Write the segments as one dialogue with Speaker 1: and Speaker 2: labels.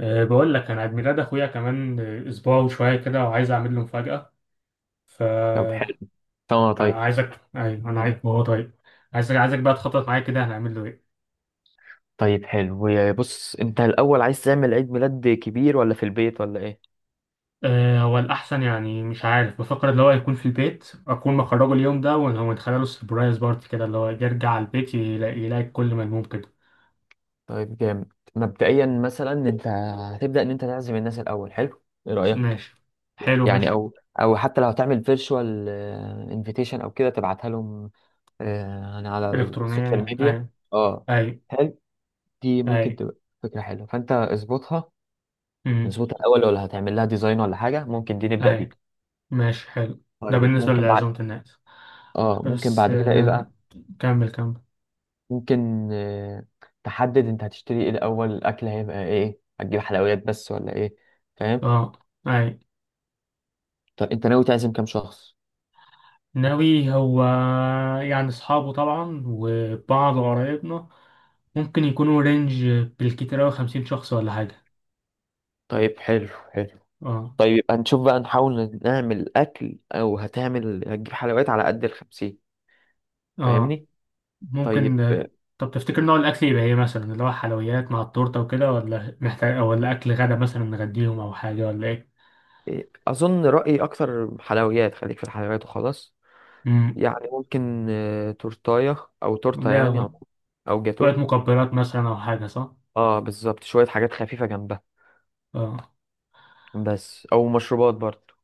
Speaker 1: أه بقول لك انا عيد ميلاد اخويا كمان، اسبوع وشويه كده وعايز اعمل له مفاجاه. ف
Speaker 2: طب حلو. اه،
Speaker 1: انا
Speaker 2: طيب.
Speaker 1: عايزك. ايوه انا عارف هو طيب. عايزك بقى تخطط معايا كده، هنعمل له ايه؟
Speaker 2: طيب حلو، يا بص انت الاول عايز تعمل عيد ميلاد كبير ولا في البيت ولا ايه؟
Speaker 1: هو الاحسن يعني. مش عارف، بفكر اللي هو يكون في البيت، اكون مخرجه اليوم ده ونخلي له سربرايز بارتي كده، اللي هو يرجع البيت يلاقي كل ملموم كده.
Speaker 2: طيب جامد. مبدئيا مثلا انت هتبدا ان انت تعزم الناس الاول. حلو، ايه رايك؟
Speaker 1: ماشي، حلو
Speaker 2: يعني
Speaker 1: ماشي.
Speaker 2: او حتى لو هتعمل فيرتشوال انفيتيشن او كده تبعتها لهم. انا على
Speaker 1: الكترونيه
Speaker 2: السوشيال
Speaker 1: يعني،
Speaker 2: ميديا.
Speaker 1: ايوه.
Speaker 2: اه،
Speaker 1: ايوه.
Speaker 2: حلو. دي ممكن
Speaker 1: ايوه.
Speaker 2: تبقى فكره حلوه، فانت اظبطها
Speaker 1: امم
Speaker 2: اظبطها الاول، ولا هتعمل لها ديزاين ولا حاجه؟ ممكن دي نبدا بيها.
Speaker 1: ايوه. ماشي حلو. ده
Speaker 2: طيب،
Speaker 1: بالنسبه لعزومه الناس.
Speaker 2: ممكن
Speaker 1: بس
Speaker 2: بعد كده ايه بقى؟
Speaker 1: كمل كمل.
Speaker 2: ممكن تحدد انت هتشتري ايه الاول، الاكل هيبقى ايه، هتجيب حلويات بس ولا ايه؟ فاهم؟
Speaker 1: اه. اي.
Speaker 2: طب انت ناوي تعزم كام شخص؟
Speaker 1: ناوي هو، يعني اصحابه طبعا وبعض قرايبنا، ممكن يكونوا رينج بالكتير اوي 50 شخص ولا حاجة.
Speaker 2: طيب، حلو حلو.
Speaker 1: اه.
Speaker 2: طيب يبقى نشوف بقى، نحاول نعمل اكل او هتجيب حلويات على قد الخمسين.
Speaker 1: اه
Speaker 2: فاهمني؟ طيب.
Speaker 1: ممكن. طب تفتكر نوع الاكل يبقى ايه؟ مثلا اللي هو حلويات مع التورتة وكده، ولا محتاج أو ولا اكل غدا مثلا نغديهم او حاجة، ولا ايه؟
Speaker 2: اظن رأيي اكتر حلويات، خليك في الحلويات وخلاص.
Speaker 1: امم
Speaker 2: يعني ممكن تورتاية او تورتة، يعني، او
Speaker 1: لا،
Speaker 2: أو جاتو.
Speaker 1: شوية مقبلات مثلا او حاجة، صح؟
Speaker 2: اه، بالظبط، شوية حاجات خفيفة جنبها.
Speaker 1: اه.
Speaker 2: بس، او مشروبات برضه.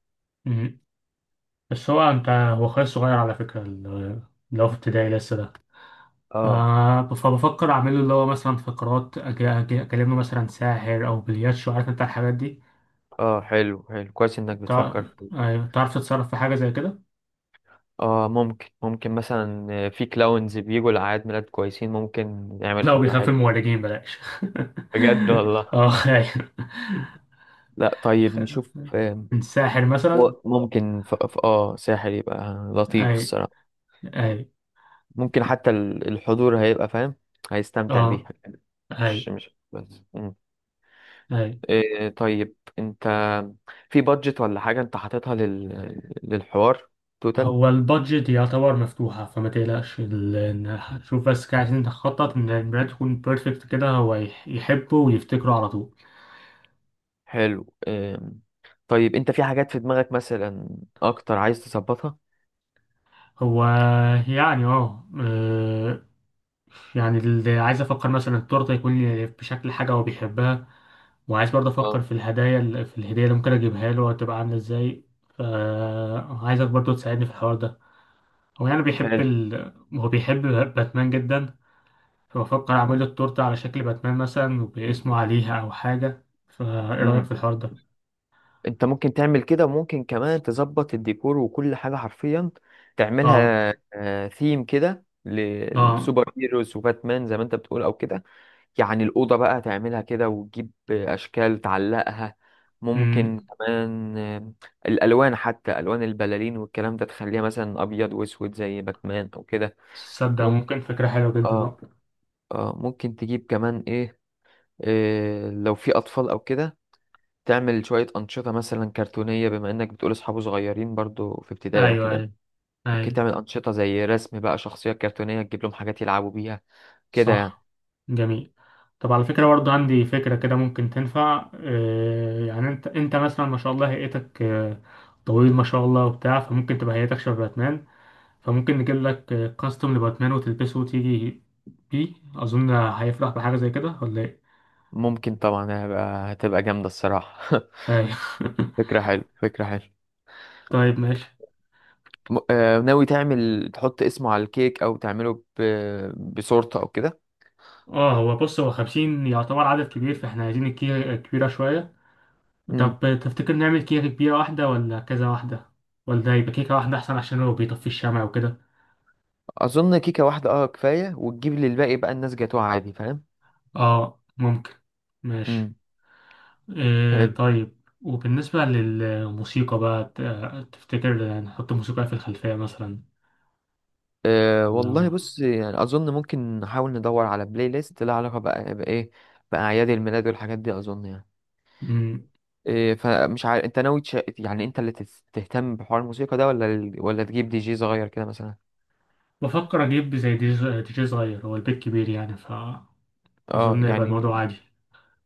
Speaker 1: امم بس هو انت، هو خالص صغير على فكرة، اللي هو في ابتدائي لسه ده.
Speaker 2: اه،
Speaker 1: فبفكر أعمله اللي هو مثلا فقرات، أكلمه مثلا ساحر أو بلياتشو، عارف أنت الحاجات دي.
Speaker 2: اه، حلو، حلو، كويس انك
Speaker 1: تع-
Speaker 2: بتفكر فيه.
Speaker 1: أيوة، تعرف تتصرف في حاجة زي كده؟
Speaker 2: اه، ممكن مثلا في كلاونز بيجوا لأعياد ميلاد كويسين، ممكن نعمل
Speaker 1: لا،
Speaker 2: فقرة
Speaker 1: وبيخاف من
Speaker 2: حلوة.
Speaker 1: المورجين بلاش.
Speaker 2: بجد والله.
Speaker 1: اه أيوة.
Speaker 2: لا، طيب نشوف.
Speaker 1: من ساحر مثلا.
Speaker 2: هو ممكن ف... ف... اه ساحر يبقى لطيف
Speaker 1: أي.
Speaker 2: الصراحة.
Speaker 1: أي.
Speaker 2: ممكن حتى الحضور هيبقى فاهم، هيستمتع
Speaker 1: اه.
Speaker 2: بيها.
Speaker 1: أي.
Speaker 2: مش بس. مم.
Speaker 1: أي.
Speaker 2: إيه، طيب انت في بادجت ولا حاجة انت حاططها للحوار؟ توتال؟
Speaker 1: هو البادجت يعتبر مفتوحة فما تقلقش، شوف بس كده، عايزين نخطط إن البراند تكون بيرفكت كده، هو يحبه ويفتكره على طول.
Speaker 2: حلو. طيب، انت في حاجات في دماغك مثلا اكتر عايز تظبطها؟
Speaker 1: هو يعني، اه يعني اللي عايز افكر مثلا التورته يكون بشكل حاجه هو بيحبها، وعايز برضه افكر
Speaker 2: اه،
Speaker 1: في الهدايا. في الهديه اللي ممكن اجيبها له، هتبقى عامله ازاي؟ فعايزك برضه تساعدني في الحوار ده. هو يعني بيحب
Speaker 2: حلو.
Speaker 1: ال... هو بيحب باتمان جدا، فبفكر اعمل له التورته على شكل باتمان مثلا وباسمه عليها او حاجه. فايه رايك
Speaker 2: امم
Speaker 1: في الحوار ده؟
Speaker 2: انت ممكن تعمل كده، وممكن كمان تظبط الديكور وكل حاجه حرفيا
Speaker 1: اه.
Speaker 2: تعملها. ثيم كده
Speaker 1: اه.
Speaker 2: للسوبر هيروز وباتمان زي ما انت بتقول او كده. يعني الاوضه بقى تعملها كده، وتجيب اشكال تعلقها.
Speaker 1: امم
Speaker 2: ممكن كمان الالوان، حتى الوان البلالين والكلام ده تخليها مثلا ابيض واسود زي باتمان او كده.
Speaker 1: تصدق
Speaker 2: ممكن.
Speaker 1: ممكن فكره حلوه جدا
Speaker 2: اه،
Speaker 1: آه.
Speaker 2: اه، ممكن تجيب كمان ايه؟ لو في أطفال أو كده، تعمل شوية أنشطة مثلا كرتونية، بما إنك بتقول أصحابه صغيرين برضو في ابتدائي أو
Speaker 1: ايوه.
Speaker 2: كده.
Speaker 1: ايوه.
Speaker 2: ممكن
Speaker 1: ايوه.
Speaker 2: تعمل أنشطة زي رسم بقى شخصية كرتونية، تجيب لهم حاجات يلعبوا بيها كده يعني.
Speaker 1: صح. جميل. طب على فكرة برضه عندي فكرة كده ممكن تنفع، يعني انت مثلا ما شاء الله هيئتك طويل ما شاء الله وبتاع، فممكن تبقى هيئتك شبه باتمان. فممكن نجيب لك كاستم لباتمان وتلبسه وتيجي بيه. اظن هيفرح بحاجة زي كده، ولا ايه؟
Speaker 2: ممكن طبعا، هتبقى جامدة الصراحة.
Speaker 1: أيوه.
Speaker 2: فكرة حلوة، فكرة حلوة.
Speaker 1: طيب ماشي.
Speaker 2: ناوي تعمل تحط اسمه على الكيك، أو تعمله بصورته أو كده؟
Speaker 1: اه هو بص، هو 50 يعتبر عدد كبير، فاحنا عايزين الكيكة كبيرة شوية.
Speaker 2: مم.
Speaker 1: طب تفتكر نعمل كيكة كبيرة واحدة ولا كذا واحدة، ولا يبقى كيكة واحدة أحسن عشان هو بيطفي الشمع وكده؟
Speaker 2: أظن كيكة واحدة كفاية، وتجيب للباقي بقى الناس جاتوه عادي. فاهم؟
Speaker 1: اه ممكن. ماشي.
Speaker 2: مم.
Speaker 1: إيه
Speaker 2: حلو.
Speaker 1: طيب، وبالنسبة للموسيقى بقى، تفتكر نحط موسيقى في الخلفية مثلا،
Speaker 2: أه،
Speaker 1: ولا
Speaker 2: والله بص، يعني اظن ممكن نحاول ندور على بلاي ليست لها علاقه بقى بايه، باعياد الميلاد والحاجات دي، اظن يعني.
Speaker 1: مم.
Speaker 2: فمش عارف انت ناوي يعني انت اللي تهتم بحوار الموسيقى ده، ولا ولا تجيب دي جي صغير كده مثلا؟
Speaker 1: بفكر أجيب زي دي جي، دي جي صغير. هو البيت كبير يعني، فأظن
Speaker 2: اه،
Speaker 1: يبقى
Speaker 2: يعني
Speaker 1: الموضوع عادي.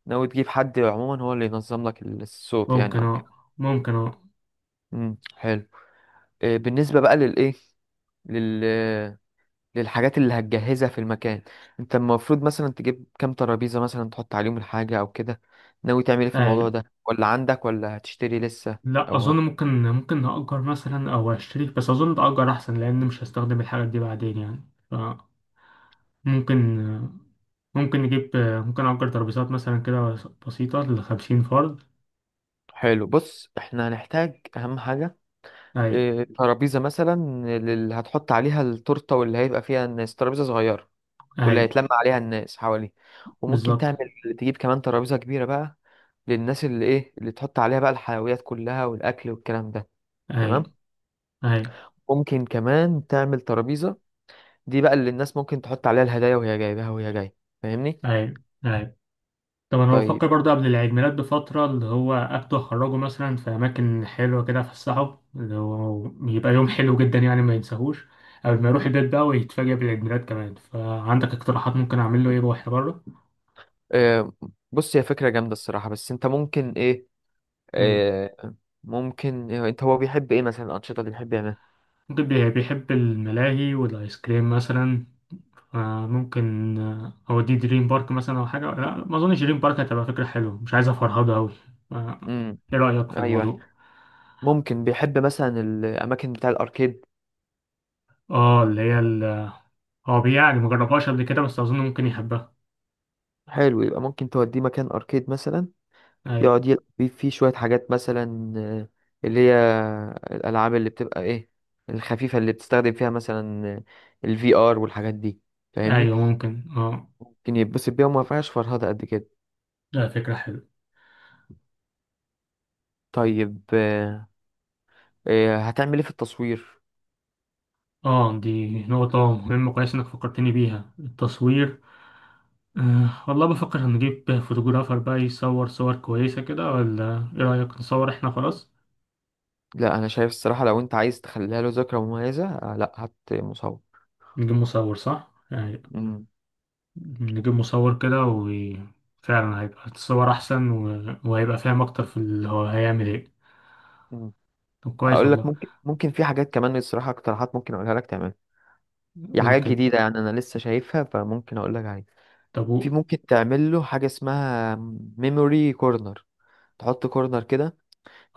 Speaker 2: ناوي تجيب حد عموما هو اللي ينظم لك الصوت يعني،
Speaker 1: ممكن
Speaker 2: او
Speaker 1: اه.
Speaker 2: كده؟
Speaker 1: ممكن اه.
Speaker 2: حلو. إيه، بالنسبه بقى للايه، لل للحاجات اللي هتجهزها في المكان، انت المفروض مثلا تجيب كام ترابيزة مثلا تحط عليهم الحاجة او كده؟ ناوي تعمل ايه في الموضوع
Speaker 1: أي.
Speaker 2: ده، ولا عندك، ولا هتشتري لسه
Speaker 1: لا
Speaker 2: او
Speaker 1: أظن،
Speaker 2: هت-
Speaker 1: ممكن نأجر مثلا أو أشتري، بس أظن تأجر أحسن لأن مش هستخدم الحاجات دي بعدين يعني. ممكن ممكن نجيب ممكن أجر ترابيزات مثلا كده بسيطة ل50 فرد.
Speaker 2: حلو. بص، احنا هنحتاج اهم حاجة
Speaker 1: أي.
Speaker 2: اه ترابيزة مثلا، اللي هتحط عليها التورتة، واللي هيبقى فيها الناس ترابيزة صغيرة واللي
Speaker 1: أي.
Speaker 2: هيتلم عليها الناس حواليه. وممكن
Speaker 1: بالظبط.
Speaker 2: تجيب كمان ترابيزة كبيرة بقى للناس، اللي تحط عليها بقى الحلويات كلها والاكل والكلام ده.
Speaker 1: أي.
Speaker 2: تمام.
Speaker 1: أي.
Speaker 2: ممكن كمان تعمل ترابيزة دي بقى اللي الناس ممكن تحط عليها الهدايا وهي جايبها وهي جاية. فاهمني؟
Speaker 1: أي. أي. طب أنا بفكر
Speaker 2: طيب.
Speaker 1: برضه قبل العيد ميلاد بفترة، اللي هو أخده أخرجه مثلا في أماكن حلوة كده، أفسحه اللي هو يبقى يوم حلو جدا يعني ما ينساهوش. قبل ما يروح البيت بقى ويتفاجئ بالعيد ميلاد كمان. فعندك اقتراحات ممكن أعمل له إيه وإحنا بره؟
Speaker 2: آه بص، هي فكرة جامدة الصراحة، بس انت ممكن ايه؟
Speaker 1: مم.
Speaker 2: آه ممكن إيه انت هو بيحب ايه مثلا، الأنشطة اللي بيحب يعملها؟
Speaker 1: ممكن بيحب الملاهي والآيس كريم مثلا. ممكن أوديه دريم بارك مثلا أو حاجة. لا ما أظنش دريم بارك هتبقى فكرة حلوة، مش عايز أفرهده أوي. آه،
Speaker 2: امم
Speaker 1: إيه رأيك في
Speaker 2: ايوه،
Speaker 1: الموضوع؟
Speaker 2: ممكن بيحب مثلا الأماكن بتاع الأركيد.
Speaker 1: آه اللي هي هو بيعني مجربهاش قبل كده، بس أظن ممكن يحبها.
Speaker 2: حلو، يبقى ممكن توديه مكان أركيد مثلا،
Speaker 1: أيوة.
Speaker 2: يقعد يلعب بيه فيه شوية حاجات مثلا، اللي هي الألعاب اللي بتبقى ايه، الخفيفة اللي بتستخدم فيها مثلا الفي ار والحاجات دي. فاهمني؟
Speaker 1: أيوة ممكن آه.
Speaker 2: كان يتبسط بيها وما فيهاش فرهدة قد كده.
Speaker 1: لا فكرة حلوة.
Speaker 2: طيب. هتعمل ايه في التصوير؟
Speaker 1: آه دي نقطة مهمة، كويس إنك فكرتني بيها، التصوير. آه والله بفكر هنجيب فوتوغرافر بقى يصور صور كويسة كده، ولا إيه رأيك نصور إحنا خلاص؟
Speaker 2: لا، انا شايف الصراحة لو انت عايز تخليها له ذكرى مميزة، لا، هات مصور.
Speaker 1: نجيب مصور صح؟ أيوة.
Speaker 2: مم.
Speaker 1: نجيب مصور كده وفعلا هيبقى الصور أحسن، و... وهيبقى فاهم أكتر في اللي هو هيعمل إيه.
Speaker 2: مم.
Speaker 1: طب كويس
Speaker 2: اقول لك،
Speaker 1: والله.
Speaker 2: ممكن في حاجات كمان الصراحة، اقتراحات ممكن اقولها لك تعملها. هي
Speaker 1: قول
Speaker 2: حاجات
Speaker 1: كده.
Speaker 2: جديدة يعني انا لسه شايفها، فممكن اقول لك عليها.
Speaker 1: طب و...
Speaker 2: في، ممكن تعمل له حاجة اسمها ميموري كورنر، تحط كورنر كده،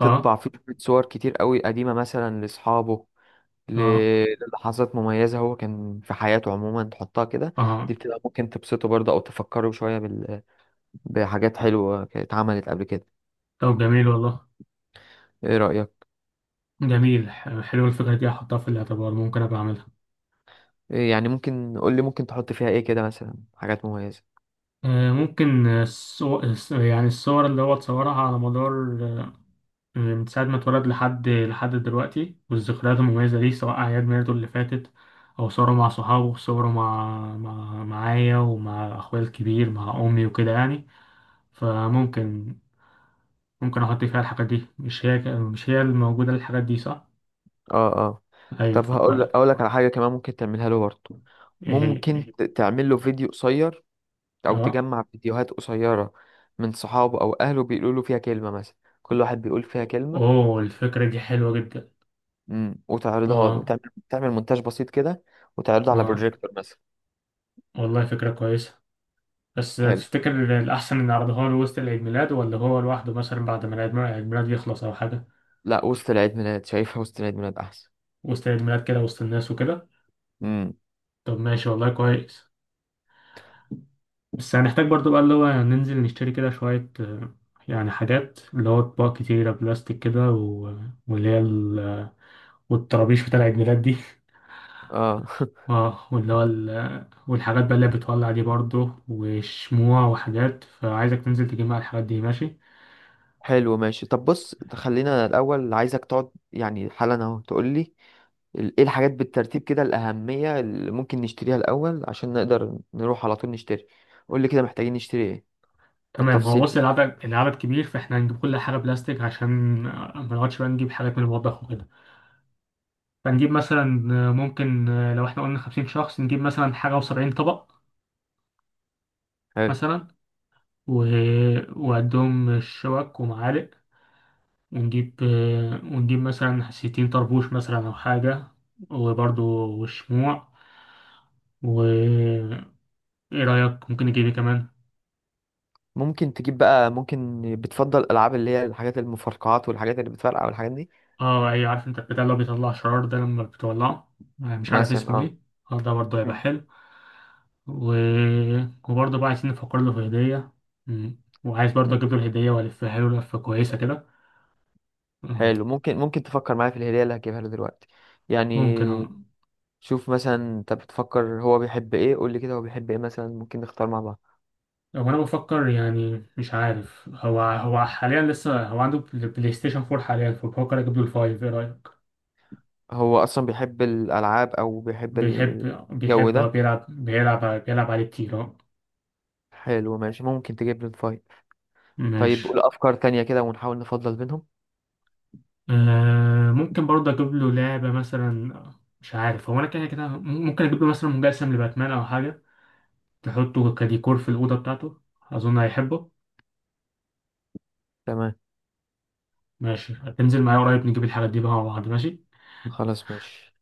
Speaker 1: آه.
Speaker 2: فيه شوية صور كتير قوي قديمة مثلا لاصحابه،
Speaker 1: آه.
Speaker 2: للحظات مميزة هو كان في حياته عموما، تحطها كده.
Speaker 1: آه.
Speaker 2: دي بتبقى ممكن تبسطه برضه، أو تفكره شوية بحاجات حلوة كانت اتعملت قبل كده.
Speaker 1: طب جميل والله.
Speaker 2: إيه رأيك؟
Speaker 1: جميل، حلوة الفكرة دي، هحطها في الاعتبار ممكن أبقى أعملها.
Speaker 2: يعني ممكن قول لي ممكن تحط فيها إيه كده مثلا، حاجات مميزة.
Speaker 1: آه ممكن الصور، يعني الصور اللي هو تصورها على مدار، من ساعة ما اتولد لحد دلوقتي، والذكريات المميزة دي سواء أعياد ميلاده اللي فاتت أو صوره مع صحابه، صوره مع، معايا ومع أخويا الكبير مع أمي وكده يعني. فممكن أحط فيها الحاجات دي. مش هي الموجودة الحاجات دي صح؟
Speaker 2: آه، آه.
Speaker 1: أيوة
Speaker 2: طب، هقول لك
Speaker 1: فكويس.
Speaker 2: أقول لك على حاجة كمان ممكن تعملها له برضه.
Speaker 1: إيه هي؟
Speaker 2: ممكن تعمل له فيديو قصير، أو
Speaker 1: أه.
Speaker 2: تجمع فيديوهات قصيرة من صحابه أو أهله بيقولوا له فيها كلمة مثلا، كل واحد بيقول فيها كلمة.
Speaker 1: أوه الفكرة دي حلوة جدا.
Speaker 2: مم. وتعرضها له،
Speaker 1: أه.
Speaker 2: وتعمل مونتاج بسيط كده، وتعرضه على
Speaker 1: أه
Speaker 2: بروجيكتور مثلا.
Speaker 1: والله فكرة كويسة. بس
Speaker 2: حلو.
Speaker 1: تفتكر الأحسن إن أعرضها له وسط العيد ميلاد، ولا هو لوحده مثلا بعد ما العيد ميلاد يخلص أو حاجة؟
Speaker 2: لا، وسط العيد ميلاد شايفها، وسط العيد ميلاد احسن.
Speaker 1: وسط عيد ميلاد كده، وسط الناس وكده.
Speaker 2: امم،
Speaker 1: طب ماشي والله كويس. بس هنحتاج برضو بقى اللي هو ننزل نشتري كده شوية، يعني حاجات اللي هو أطباق كتيرة بلاستيك كده و... واللي هي ال... والطرابيش بتاع عيد ميلاد دي.
Speaker 2: اه.
Speaker 1: اه واللي هو والحاجات بقى اللي بتولع دي برضو، وشموع وحاجات. فعايزك تنزل تجيب معايا الحاجات دي، ماشي.
Speaker 2: حلو، ماشي. طب بص، خلينا الاول عايزك تقعد يعني حالا اهو، تقول لي ايه الحاجات بالترتيب كده الاهميه، اللي ممكن نشتريها الاول عشان نقدر نروح على طول نشتري. قول لي كده، محتاجين نشتري ايه
Speaker 1: تمام. هو
Speaker 2: بالتفصيل
Speaker 1: بص
Speaker 2: كده.
Speaker 1: العدد، كبير، فاحنا هنجيب كل حاجة بلاستيك عشان ما نقعدش بقى نجيب حاجات من المطبخ وكده. فنجيب مثلا ممكن لو احنا قلنا 50 شخص، نجيب مثلا حاجة وسبعين طبق
Speaker 2: حلو.
Speaker 1: مثلا، و... وقدهم شوك ومعالق. ونجيب ونجيب مثلا 60 طربوش مثلا أو حاجة. وبرضو والشموع. و إيه رأيك ممكن نجيب ايه كمان؟
Speaker 2: ممكن تجيب بقى، ممكن بتفضل الالعاب اللي هي الحاجات المفرقعات والحاجات اللي بتفرقع والحاجات دي.
Speaker 1: اه ايوه، عارف انت البتاع اللي هو بيطلع شرار ده لما بتولعه؟ مش عارف
Speaker 2: مثلا،
Speaker 1: اسمه
Speaker 2: اه.
Speaker 1: ايه. اه ده برضه هيبقى
Speaker 2: مم.
Speaker 1: حلو. و... وبرضه بقى عايزين نفكر له في هدية. مم. وعايز برضه
Speaker 2: مم.
Speaker 1: اجيب له الهدية والفها له لفة كويسة كده. مم.
Speaker 2: حلو. ممكن تفكر معايا في الهدية اللي هجيبها له دلوقتي، يعني.
Speaker 1: ممكن اه.
Speaker 2: شوف مثلا انت بتفكر هو بيحب ايه، قول لي كده هو بيحب ايه مثلا، ممكن نختار مع بعض.
Speaker 1: هو انا بفكر يعني، مش عارف، هو حاليا لسه هو عنده بلاي ستيشن 4 حاليا، فبفكر اجيب له الفايف، ايه رأيك؟
Speaker 2: هو اصلا بيحب الالعاب، او بيحب
Speaker 1: بيحب.
Speaker 2: الجو
Speaker 1: بيحب. هو
Speaker 2: ده؟
Speaker 1: بيلعب، بيلعب عليه كتير اه.
Speaker 2: حلو ماشي، ممكن تجيب لي الفايل. طيب،
Speaker 1: ماشي.
Speaker 2: قول افكار تانية كده ونحاول نفضل بينهم.
Speaker 1: آه ممكن برضه اجيب له لعبه مثلا. مش عارف هو، انا كده ممكن اجيب له مثلا مجسم لباتمان او حاجه، تحطه كديكور في الاوضه بتاعته، اظن هيحبه.
Speaker 2: تمام.
Speaker 1: ماشي، هتنزل معايا قريب نجيب الحاجات دي بقى مع بعض، ماشي.
Speaker 2: خلاص ماشي.